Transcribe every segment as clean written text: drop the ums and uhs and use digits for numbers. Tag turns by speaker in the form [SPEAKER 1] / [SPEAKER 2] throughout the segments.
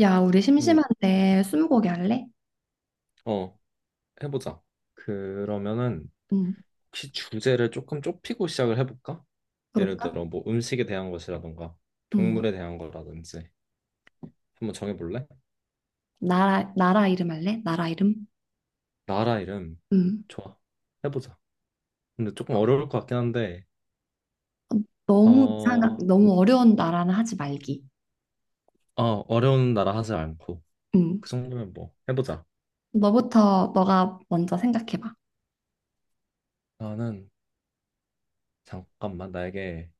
[SPEAKER 1] 야, 우리
[SPEAKER 2] 음,
[SPEAKER 1] 심심한데 스무고개 할래?
[SPEAKER 2] 어, 해보자. 그러면은
[SPEAKER 1] 응,
[SPEAKER 2] 혹시 주제를 조금 좁히고 시작을 해볼까? 예를
[SPEAKER 1] 그럴까?
[SPEAKER 2] 들어 뭐 음식에 대한 것이라던가
[SPEAKER 1] 응,
[SPEAKER 2] 동물에 대한 거라든지 한번 정해볼래?
[SPEAKER 1] 나라, 나라 이름 할래? 나라 이름?
[SPEAKER 2] 나라 이름
[SPEAKER 1] 응,
[SPEAKER 2] 좋아. 해보자. 근데 조금 어려울 것 같긴 한데. 어,
[SPEAKER 1] 너무 이상한,
[SPEAKER 2] 어
[SPEAKER 1] 너무 어려운 나라는 하지 말기.
[SPEAKER 2] 어려운 나라 하지 않고
[SPEAKER 1] 응,
[SPEAKER 2] 그 정도면 뭐 해보자.
[SPEAKER 1] 너부터, 너가 먼저 생각해봐.
[SPEAKER 2] 나는 잠깐만 나에게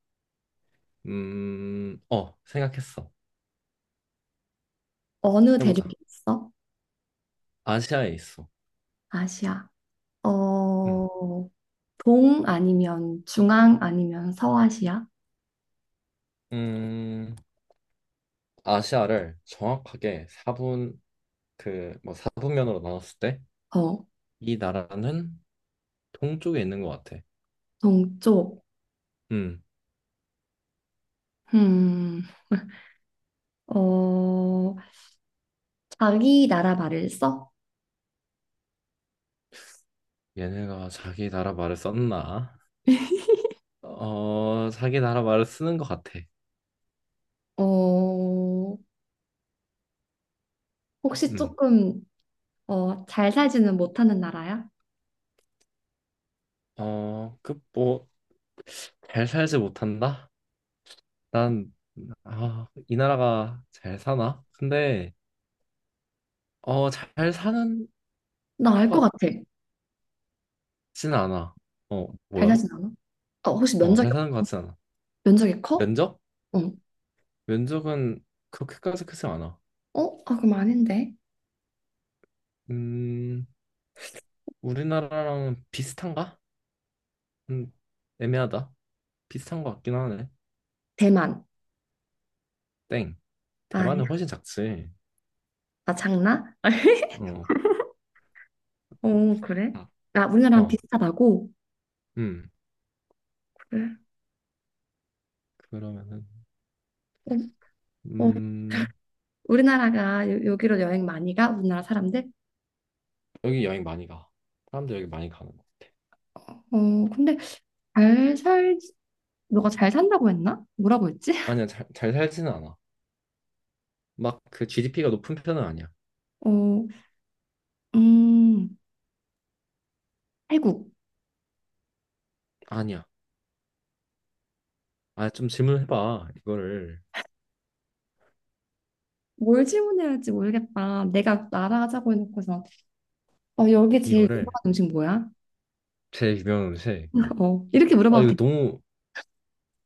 [SPEAKER 2] 생각했어.
[SPEAKER 1] 어느 대륙에
[SPEAKER 2] 해보자.
[SPEAKER 1] 있어?
[SPEAKER 2] 아시아에 있어.
[SPEAKER 1] 아시아. 어,
[SPEAKER 2] 음,
[SPEAKER 1] 동 아니면 중앙 아니면 서아시아?
[SPEAKER 2] 음 아시아를 정확하게 4분 그 뭐 사분면으로 나눴을 때
[SPEAKER 1] 어,
[SPEAKER 2] 이 나라는 동쪽에 있는 것 같아.
[SPEAKER 1] 동쪽.
[SPEAKER 2] 음,
[SPEAKER 1] 음, 어, 자기 나라 말을 써?
[SPEAKER 2] 얘네가 자기 나라 말을 썼나? 어, 자기 나라 말을 쓰는 것 같아.
[SPEAKER 1] 어, 혹시
[SPEAKER 2] 음,
[SPEAKER 1] 조금 잘 살지는 못하는 나라야?
[SPEAKER 2] 그뭐잘 살지 못한다? 난 아, 이 나라가 잘 사나? 근데 잘 사는
[SPEAKER 1] 나 알 것
[SPEAKER 2] 것
[SPEAKER 1] 같아.
[SPEAKER 2] 같진 않아. 어,
[SPEAKER 1] 잘
[SPEAKER 2] 뭐야?
[SPEAKER 1] 살진 않아? 어, 혹시
[SPEAKER 2] 어,
[SPEAKER 1] 면적이,
[SPEAKER 2] 잘 사는 것 같진 않아.
[SPEAKER 1] 면적이 커?
[SPEAKER 2] 면적?
[SPEAKER 1] 응.
[SPEAKER 2] 면적은 그렇게까지 크지 않아.
[SPEAKER 1] 어? 아, 그럼 아닌데.
[SPEAKER 2] 음, 우리나라랑 비슷한가? 음, 애매하다. 비슷한 것 같긴 하네.
[SPEAKER 1] 대만.
[SPEAKER 2] 땡.
[SPEAKER 1] 아, 아니야?
[SPEAKER 2] 대만은 훨씬 작지.
[SPEAKER 1] 나 장나?
[SPEAKER 2] 어,
[SPEAKER 1] 어, 그래?
[SPEAKER 2] 아,
[SPEAKER 1] 아, 우리나라랑
[SPEAKER 2] 어,
[SPEAKER 1] 비슷하다고?
[SPEAKER 2] 음.
[SPEAKER 1] 그래.
[SPEAKER 2] 그러면은,
[SPEAKER 1] 어, 어.
[SPEAKER 2] 음,
[SPEAKER 1] 우리나라가 여, 기로 여행 많이 가? 우리나라 사람들?
[SPEAKER 2] 여기 여행 많이 가. 사람들 여기 많이 가는 거.
[SPEAKER 1] 어, 근데 잘 살, 너가 잘 산다고 했나? 뭐라고 했지?
[SPEAKER 2] 아니야, 잘 살지는 않아. 막 그 GDP가 높은 편은 아니야.
[SPEAKER 1] 어, 음, 태국.
[SPEAKER 2] 아니야. 아, 좀 질문해봐.
[SPEAKER 1] 뭘 질문해야 할지 모르겠다. 내가 나라 하자고 해놓고서, 어, 여기 제일 유명한
[SPEAKER 2] 이거를.
[SPEAKER 1] 음식 뭐야?
[SPEAKER 2] 제일 유명한 음식.
[SPEAKER 1] 어, 이렇게
[SPEAKER 2] 아,
[SPEAKER 1] 물어봐도
[SPEAKER 2] 이거
[SPEAKER 1] 돼.
[SPEAKER 2] 너무,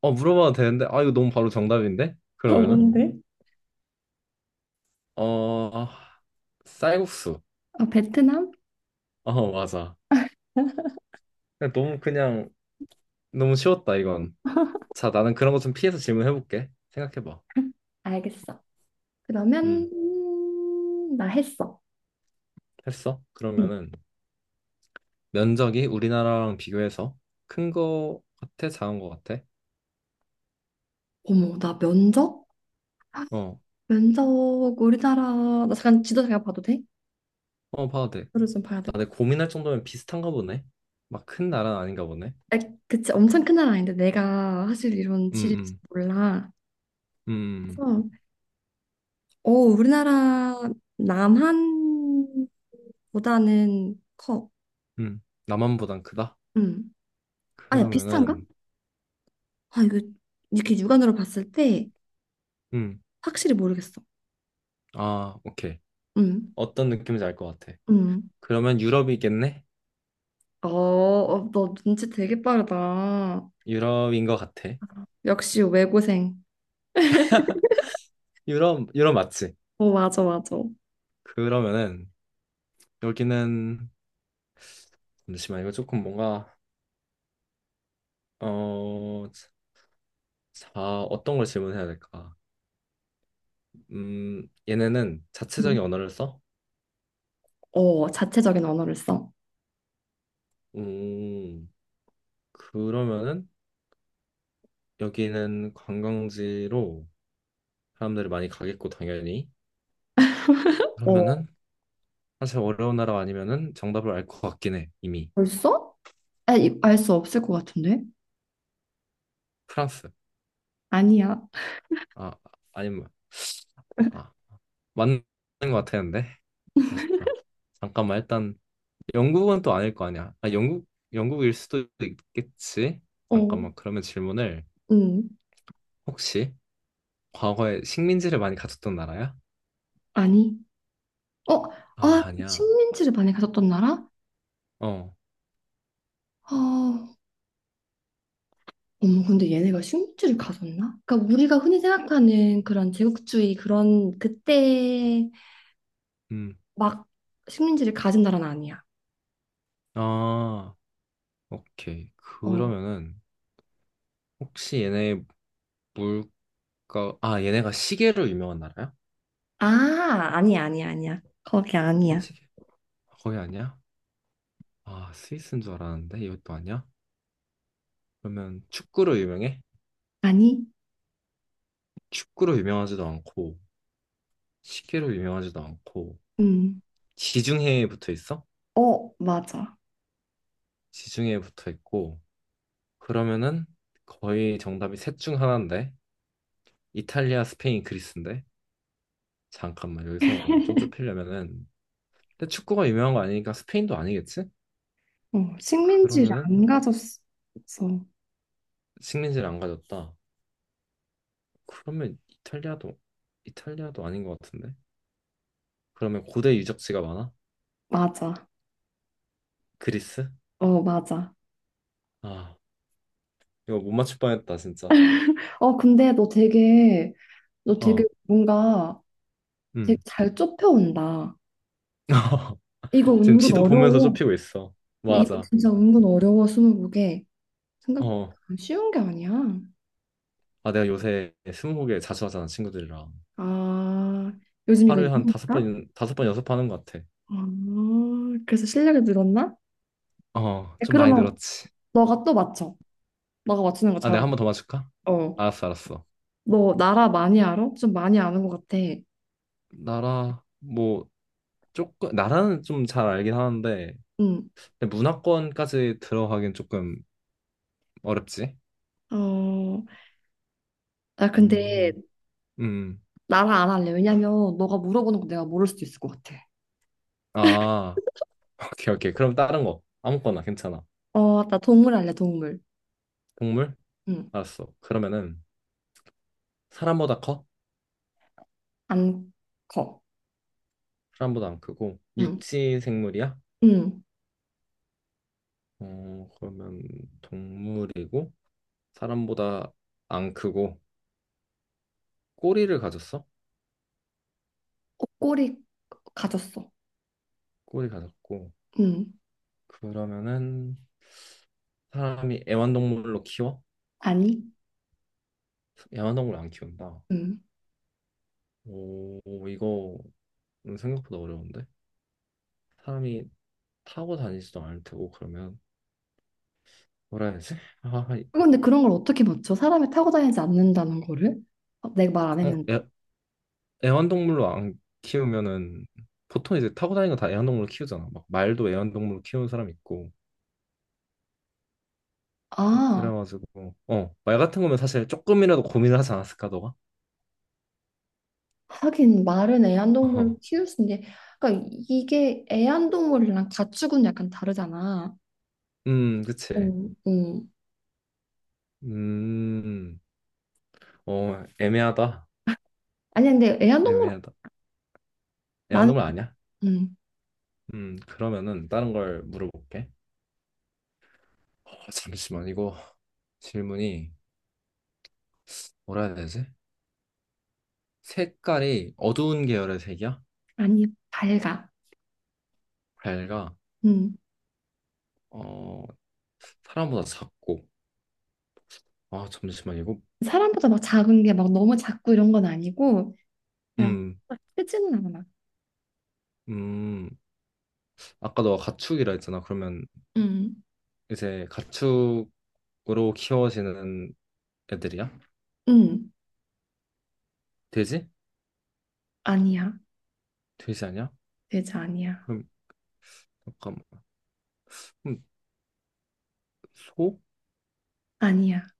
[SPEAKER 2] 물어봐도 되는데, 아, 이거 너무 바로 정답인데?
[SPEAKER 1] 어,
[SPEAKER 2] 그러면은,
[SPEAKER 1] 뭔데?
[SPEAKER 2] 아, 쌀국수.
[SPEAKER 1] 아, 베트남?
[SPEAKER 2] 어, 맞아. 그냥 너무 쉬웠다 이건. 자, 나는 그런 거 좀 피해서 질문해볼게. 생각해봐.
[SPEAKER 1] 알겠어. 그러면
[SPEAKER 2] 음,
[SPEAKER 1] 나 했어.
[SPEAKER 2] 했어?
[SPEAKER 1] 응,
[SPEAKER 2] 그러면은 면적이 우리나라랑 비교해서 큰 거 같아? 작은 거 같아?
[SPEAKER 1] 어머, 나 면접?
[SPEAKER 2] 어,
[SPEAKER 1] 면접 우리나라 나 잠깐 지도 잠깐 봐도 돼?
[SPEAKER 2] 어, 봐도 돼.
[SPEAKER 1] 지도를 좀 봐야
[SPEAKER 2] 아,
[SPEAKER 1] 될 것
[SPEAKER 2] 근데
[SPEAKER 1] 같아.
[SPEAKER 2] 고민할 정도면 비슷한가 보네. 막 큰 나라는 아닌가 보네.
[SPEAKER 1] 아, 그치 엄청 큰 나라 아닌데 내가 사실 이런
[SPEAKER 2] 음,
[SPEAKER 1] 지리를 잘
[SPEAKER 2] 음,
[SPEAKER 1] 몰라.
[SPEAKER 2] 음,
[SPEAKER 1] 그래서 우리나라 남한보다는 커.
[SPEAKER 2] 음. 남한보단 크다?
[SPEAKER 1] 음. 아니 비슷한가?
[SPEAKER 2] 그러면은,
[SPEAKER 1] 아 이거 이렇게 육안으로 봤을 때
[SPEAKER 2] 음,
[SPEAKER 1] 확실히 모르겠어.
[SPEAKER 2] 아, 오케이.
[SPEAKER 1] 음.
[SPEAKER 2] 어떤 느낌인지 알 것 같아.
[SPEAKER 1] 음.
[SPEAKER 2] 그러면 유럽이겠네?
[SPEAKER 1] 어, 어, 너 눈치 되게 빠르다.
[SPEAKER 2] 유럽인 것 같아.
[SPEAKER 1] 역시 외고생.
[SPEAKER 2] 유럽 맞지?
[SPEAKER 1] 어, 맞아, 맞아.
[SPEAKER 2] 그러면은 여기는 잠시만 이거 조금 뭔가 자, 어떤 걸 질문해야 될까? 얘네는
[SPEAKER 1] 응?
[SPEAKER 2] 자체적인 언어를 써?
[SPEAKER 1] 어, 자체적인 언어를 써.
[SPEAKER 2] 음, 그러면은 여기는 관광지로 사람들이 많이 가겠고 당연히
[SPEAKER 1] 어,
[SPEAKER 2] 그러면은 사실 어려운 나라 아니면은 정답을 알 것 같긴 해 이미.
[SPEAKER 1] 벌써? 아, 알수 없을 것 같은데?
[SPEAKER 2] 프랑스.
[SPEAKER 1] 아니야.
[SPEAKER 2] 아, 아니면 아, 맞는 것 같았는데 아쉽다. 잠깐만, 일단 영국은 또 아닐 거 아니야. 아, 영국일 수도 있겠지.
[SPEAKER 1] 어,
[SPEAKER 2] 잠깐만, 그러면 질문을
[SPEAKER 1] 응,
[SPEAKER 2] 혹시 과거에 식민지를 많이 가졌던 나라야?
[SPEAKER 1] 아니. 어,
[SPEAKER 2] 아,
[SPEAKER 1] 아, 그
[SPEAKER 2] 아니야.
[SPEAKER 1] 식민지를 많이 가졌던 나라?
[SPEAKER 2] 어,
[SPEAKER 1] 어, 어머, 근데 얘네가 식민지를 가졌나? 그러니까 우리가 흔히 생각하는 그런 제국주의 그런 그때
[SPEAKER 2] 음,
[SPEAKER 1] 막 식민지를 가진 나라는 아니야.
[SPEAKER 2] 아, 오케이.
[SPEAKER 1] 어,
[SPEAKER 2] 그러면은 혹시 얘네가 시계로 유명한 나라야?
[SPEAKER 1] 아, 아니야, 아니야, 아니야. 거기 아니야.
[SPEAKER 2] 시계? 거의 아니야? 아, 스위스인 줄 알았는데 이것도 아니야? 그러면 축구로 유명해?
[SPEAKER 1] 아니?
[SPEAKER 2] 축구로 유명하지도 않고 시계로 유명하지도 않고
[SPEAKER 1] 음.
[SPEAKER 2] 지중해에 붙어 있어?
[SPEAKER 1] 어, 맞아.
[SPEAKER 2] 지중해에 붙어 있고 그러면은 거의 정답이 셋 중 하나인데 이탈리아, 스페인, 그리스인데 잠깐만 여기서 좀 좁히려면은 근데 축구가 유명한 거 아니니까 스페인도 아니겠지?
[SPEAKER 1] 어, 식민지를
[SPEAKER 2] 그러면은
[SPEAKER 1] 안 가졌어.
[SPEAKER 2] 식민지를 안 가졌다. 그러면 이탈리아도 아닌 것 같은데 그러면 고대 유적지가 많아?
[SPEAKER 1] 맞아.
[SPEAKER 2] 그리스?
[SPEAKER 1] 어, 맞아.
[SPEAKER 2] 아 이거 못 맞출 뻔했다 진짜.
[SPEAKER 1] 어, 근데 너 되게, 너 되게
[SPEAKER 2] 어,
[SPEAKER 1] 뭔가 되게
[SPEAKER 2] 음.
[SPEAKER 1] 잘 좁혀온다. 이거
[SPEAKER 2] 지금
[SPEAKER 1] 은근
[SPEAKER 2] 지도 보면서
[SPEAKER 1] 어려워.
[SPEAKER 2] 좁히고 있어.
[SPEAKER 1] 이거
[SPEAKER 2] 맞아.
[SPEAKER 1] 진짜 은근 어려워, 스무고개. 생각
[SPEAKER 2] 어.
[SPEAKER 1] 아, 쉬운 게 아니야.
[SPEAKER 2] 아, 내가 요새 스무고개 자주 하잖아, 친구들이랑.
[SPEAKER 1] 아, 요즘 이거
[SPEAKER 2] 하루에 한
[SPEAKER 1] 유행인가?
[SPEAKER 2] 다섯 번 연습하는 것 같아.
[SPEAKER 1] 아, 그래서 실력이 늘었나?
[SPEAKER 2] 어,
[SPEAKER 1] 야,
[SPEAKER 2] 좀 많이
[SPEAKER 1] 그러면
[SPEAKER 2] 늘었지.
[SPEAKER 1] 너가 또 맞춰. 너가 맞추는 거
[SPEAKER 2] 아, 내가
[SPEAKER 1] 잘하니.
[SPEAKER 2] 한 번 더 맞출까?
[SPEAKER 1] 어.
[SPEAKER 2] 알았어, 알았어.
[SPEAKER 1] 너 나라 많이 알아? 좀 많이 아는 것 같아.
[SPEAKER 2] 뭐, 조금, 나라는 좀 잘 알긴 하는데,
[SPEAKER 1] 응.
[SPEAKER 2] 근데 문화권까지 들어가긴 조금 어렵지.
[SPEAKER 1] 어, 나 근데
[SPEAKER 2] 음, 음.
[SPEAKER 1] 나랑 안 할래. 왜냐면 너가 물어보는 거 내가 모를 수도 있을 것 같아.
[SPEAKER 2] 아, 오케이, 오케이. 그럼 다른 거. 아무거나 괜찮아.
[SPEAKER 1] 어, 나 동물 할래, 동물.
[SPEAKER 2] 동물?
[SPEAKER 1] 응.
[SPEAKER 2] 알았어. 그러면은, 사람보다 커?
[SPEAKER 1] 안 커.
[SPEAKER 2] 사람보다 안 크고,
[SPEAKER 1] 응.
[SPEAKER 2] 육지 생물이야?
[SPEAKER 1] 응.
[SPEAKER 2] 어, 그러면 동물이고, 사람보다 안 크고, 꼬리를 가졌어?
[SPEAKER 1] 어, 꼬리 가졌어.
[SPEAKER 2] 꼬리 가졌고
[SPEAKER 1] 응.
[SPEAKER 2] 그러면은 사람이 애완동물로 키워?
[SPEAKER 1] 아니?
[SPEAKER 2] 애완동물 안 키운다.
[SPEAKER 1] 응.
[SPEAKER 2] 오 이거 생각보다 어려운데 사람이 타고 다니지도 않을 테고 그러면 뭐라 해야 되지? 아,
[SPEAKER 1] 근데 그런 걸 어떻게 맞춰? 사람이 타고 다니지 않는다는 거를? 어, 내가 말 안
[SPEAKER 2] 어,
[SPEAKER 1] 했는데.
[SPEAKER 2] 애, 애완동물로 안 키우면은 보통 이제 타고 다니는 거 다 애완동물로 키우잖아. 막 말도 애완동물로 키우는 사람 있고
[SPEAKER 1] 아,
[SPEAKER 2] 그래가지고 말 같은 거면 사실 조금이라도 고민을 하지 않았을까 너가?
[SPEAKER 1] 하긴 말은 애완동물을
[SPEAKER 2] 어,
[SPEAKER 1] 키울 수 있는데, 그러니까 이게 애완동물이랑 가축은 약간 다르잖아.
[SPEAKER 2] 그치.
[SPEAKER 1] 응, 응.
[SPEAKER 2] 음 애매하다.
[SPEAKER 1] 아니 근데 애완동물
[SPEAKER 2] 애매하다. 애완동물 아니야?
[SPEAKER 1] 나는
[SPEAKER 2] 그러면은 다른 걸 물어볼게. 잠시만, 이거 질문이 뭐라 해야 되지? 색깔이 어두운 계열의 색이야?
[SPEAKER 1] 아니, 밝아.
[SPEAKER 2] 밝아.
[SPEAKER 1] 음.
[SPEAKER 2] 어, 사람보다 작고. 아, 잠시만, 이거.
[SPEAKER 1] 사람보다 막 작은 게 막 너무 작고 이런 건 아니고, 그냥
[SPEAKER 2] 음,
[SPEAKER 1] 막 크지는 않아.
[SPEAKER 2] 음. 아까 너가 가축이라 했잖아. 그러면
[SPEAKER 1] 음.
[SPEAKER 2] 이제 가축으로 키워지는 애들이야?
[SPEAKER 1] 음.
[SPEAKER 2] 돼지?
[SPEAKER 1] 아니야.
[SPEAKER 2] 돼지 아니야?
[SPEAKER 1] 돼지 아니야.
[SPEAKER 2] 그럼, 잠깐만. 그럼 소?
[SPEAKER 1] 아니야.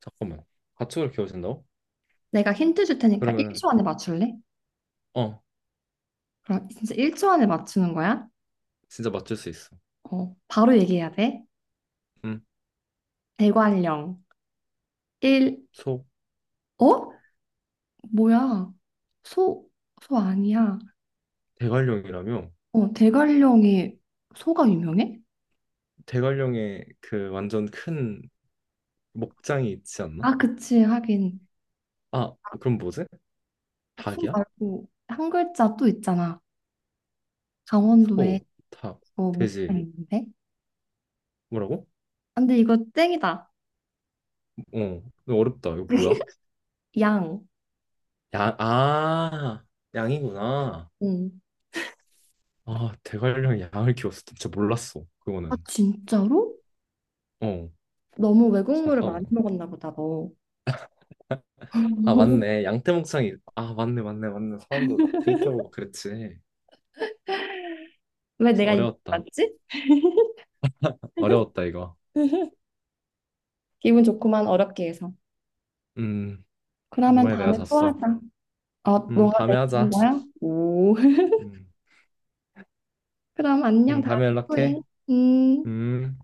[SPEAKER 2] 잠깐만. 가축으로 키워진다고?
[SPEAKER 1] 내가 힌트 줄 테니까
[SPEAKER 2] 그러면은,
[SPEAKER 1] 1초 안에 맞출래?
[SPEAKER 2] 어.
[SPEAKER 1] 그럼 진짜 1초 안에 맞추는 거야?
[SPEAKER 2] 진짜 맞출 수 있어.
[SPEAKER 1] 어, 바로 얘기해야 돼.
[SPEAKER 2] 응.
[SPEAKER 1] 대관령. 1,
[SPEAKER 2] 소.
[SPEAKER 1] 어? 뭐야? 소, 소 아니야.
[SPEAKER 2] 대관령이라며?
[SPEAKER 1] 어, 대관령이 소가 유명해?
[SPEAKER 2] 대관령에 그 완전 큰 목장이 있지 않나?
[SPEAKER 1] 아, 그치. 하긴.
[SPEAKER 2] 아, 그럼 뭐지?
[SPEAKER 1] 소
[SPEAKER 2] 닭이야?
[SPEAKER 1] 말고 한 글자 또 있잖아. 강원도에
[SPEAKER 2] 소, 닭,
[SPEAKER 1] 어,
[SPEAKER 2] 돼지.
[SPEAKER 1] 목살 있는데?
[SPEAKER 2] 뭐라고?
[SPEAKER 1] 아, 근데 이거 땡이다.
[SPEAKER 2] 어, 이거 어렵다. 이거 뭐야?
[SPEAKER 1] 양.
[SPEAKER 2] 양, 아, 양이구나.
[SPEAKER 1] 응.
[SPEAKER 2] 아, 대관령 양을 키웠어. 진짜 몰랐어.
[SPEAKER 1] 아,
[SPEAKER 2] 그거는.
[SPEAKER 1] 진짜로?
[SPEAKER 2] 어,
[SPEAKER 1] 너무 외국물을 많이
[SPEAKER 2] 잠깐만.
[SPEAKER 1] 먹었나 보다, 너.
[SPEAKER 2] 아, 맞네. 양떼목장이. 아, 맞네, 맞네, 맞네. 사람들 막 데이트하고 그랬지.
[SPEAKER 1] 왜 내가 이거
[SPEAKER 2] 어려웠다.
[SPEAKER 1] 맞지?
[SPEAKER 2] 어려웠다, 이거.
[SPEAKER 1] 기분 좋구만, 어렵게 해서.
[SPEAKER 2] 음,
[SPEAKER 1] 그러면
[SPEAKER 2] 이번에 내가
[SPEAKER 1] 다음에 또 하자.
[SPEAKER 2] 잤어.
[SPEAKER 1] 어, 너가
[SPEAKER 2] 다음에
[SPEAKER 1] 내준
[SPEAKER 2] 하자.
[SPEAKER 1] 거야? 오.
[SPEAKER 2] 음.
[SPEAKER 1] 그럼 안녕, 다음에
[SPEAKER 2] 다음에
[SPEAKER 1] 또 해.
[SPEAKER 2] 연락해.
[SPEAKER 1] 음.
[SPEAKER 2] 음.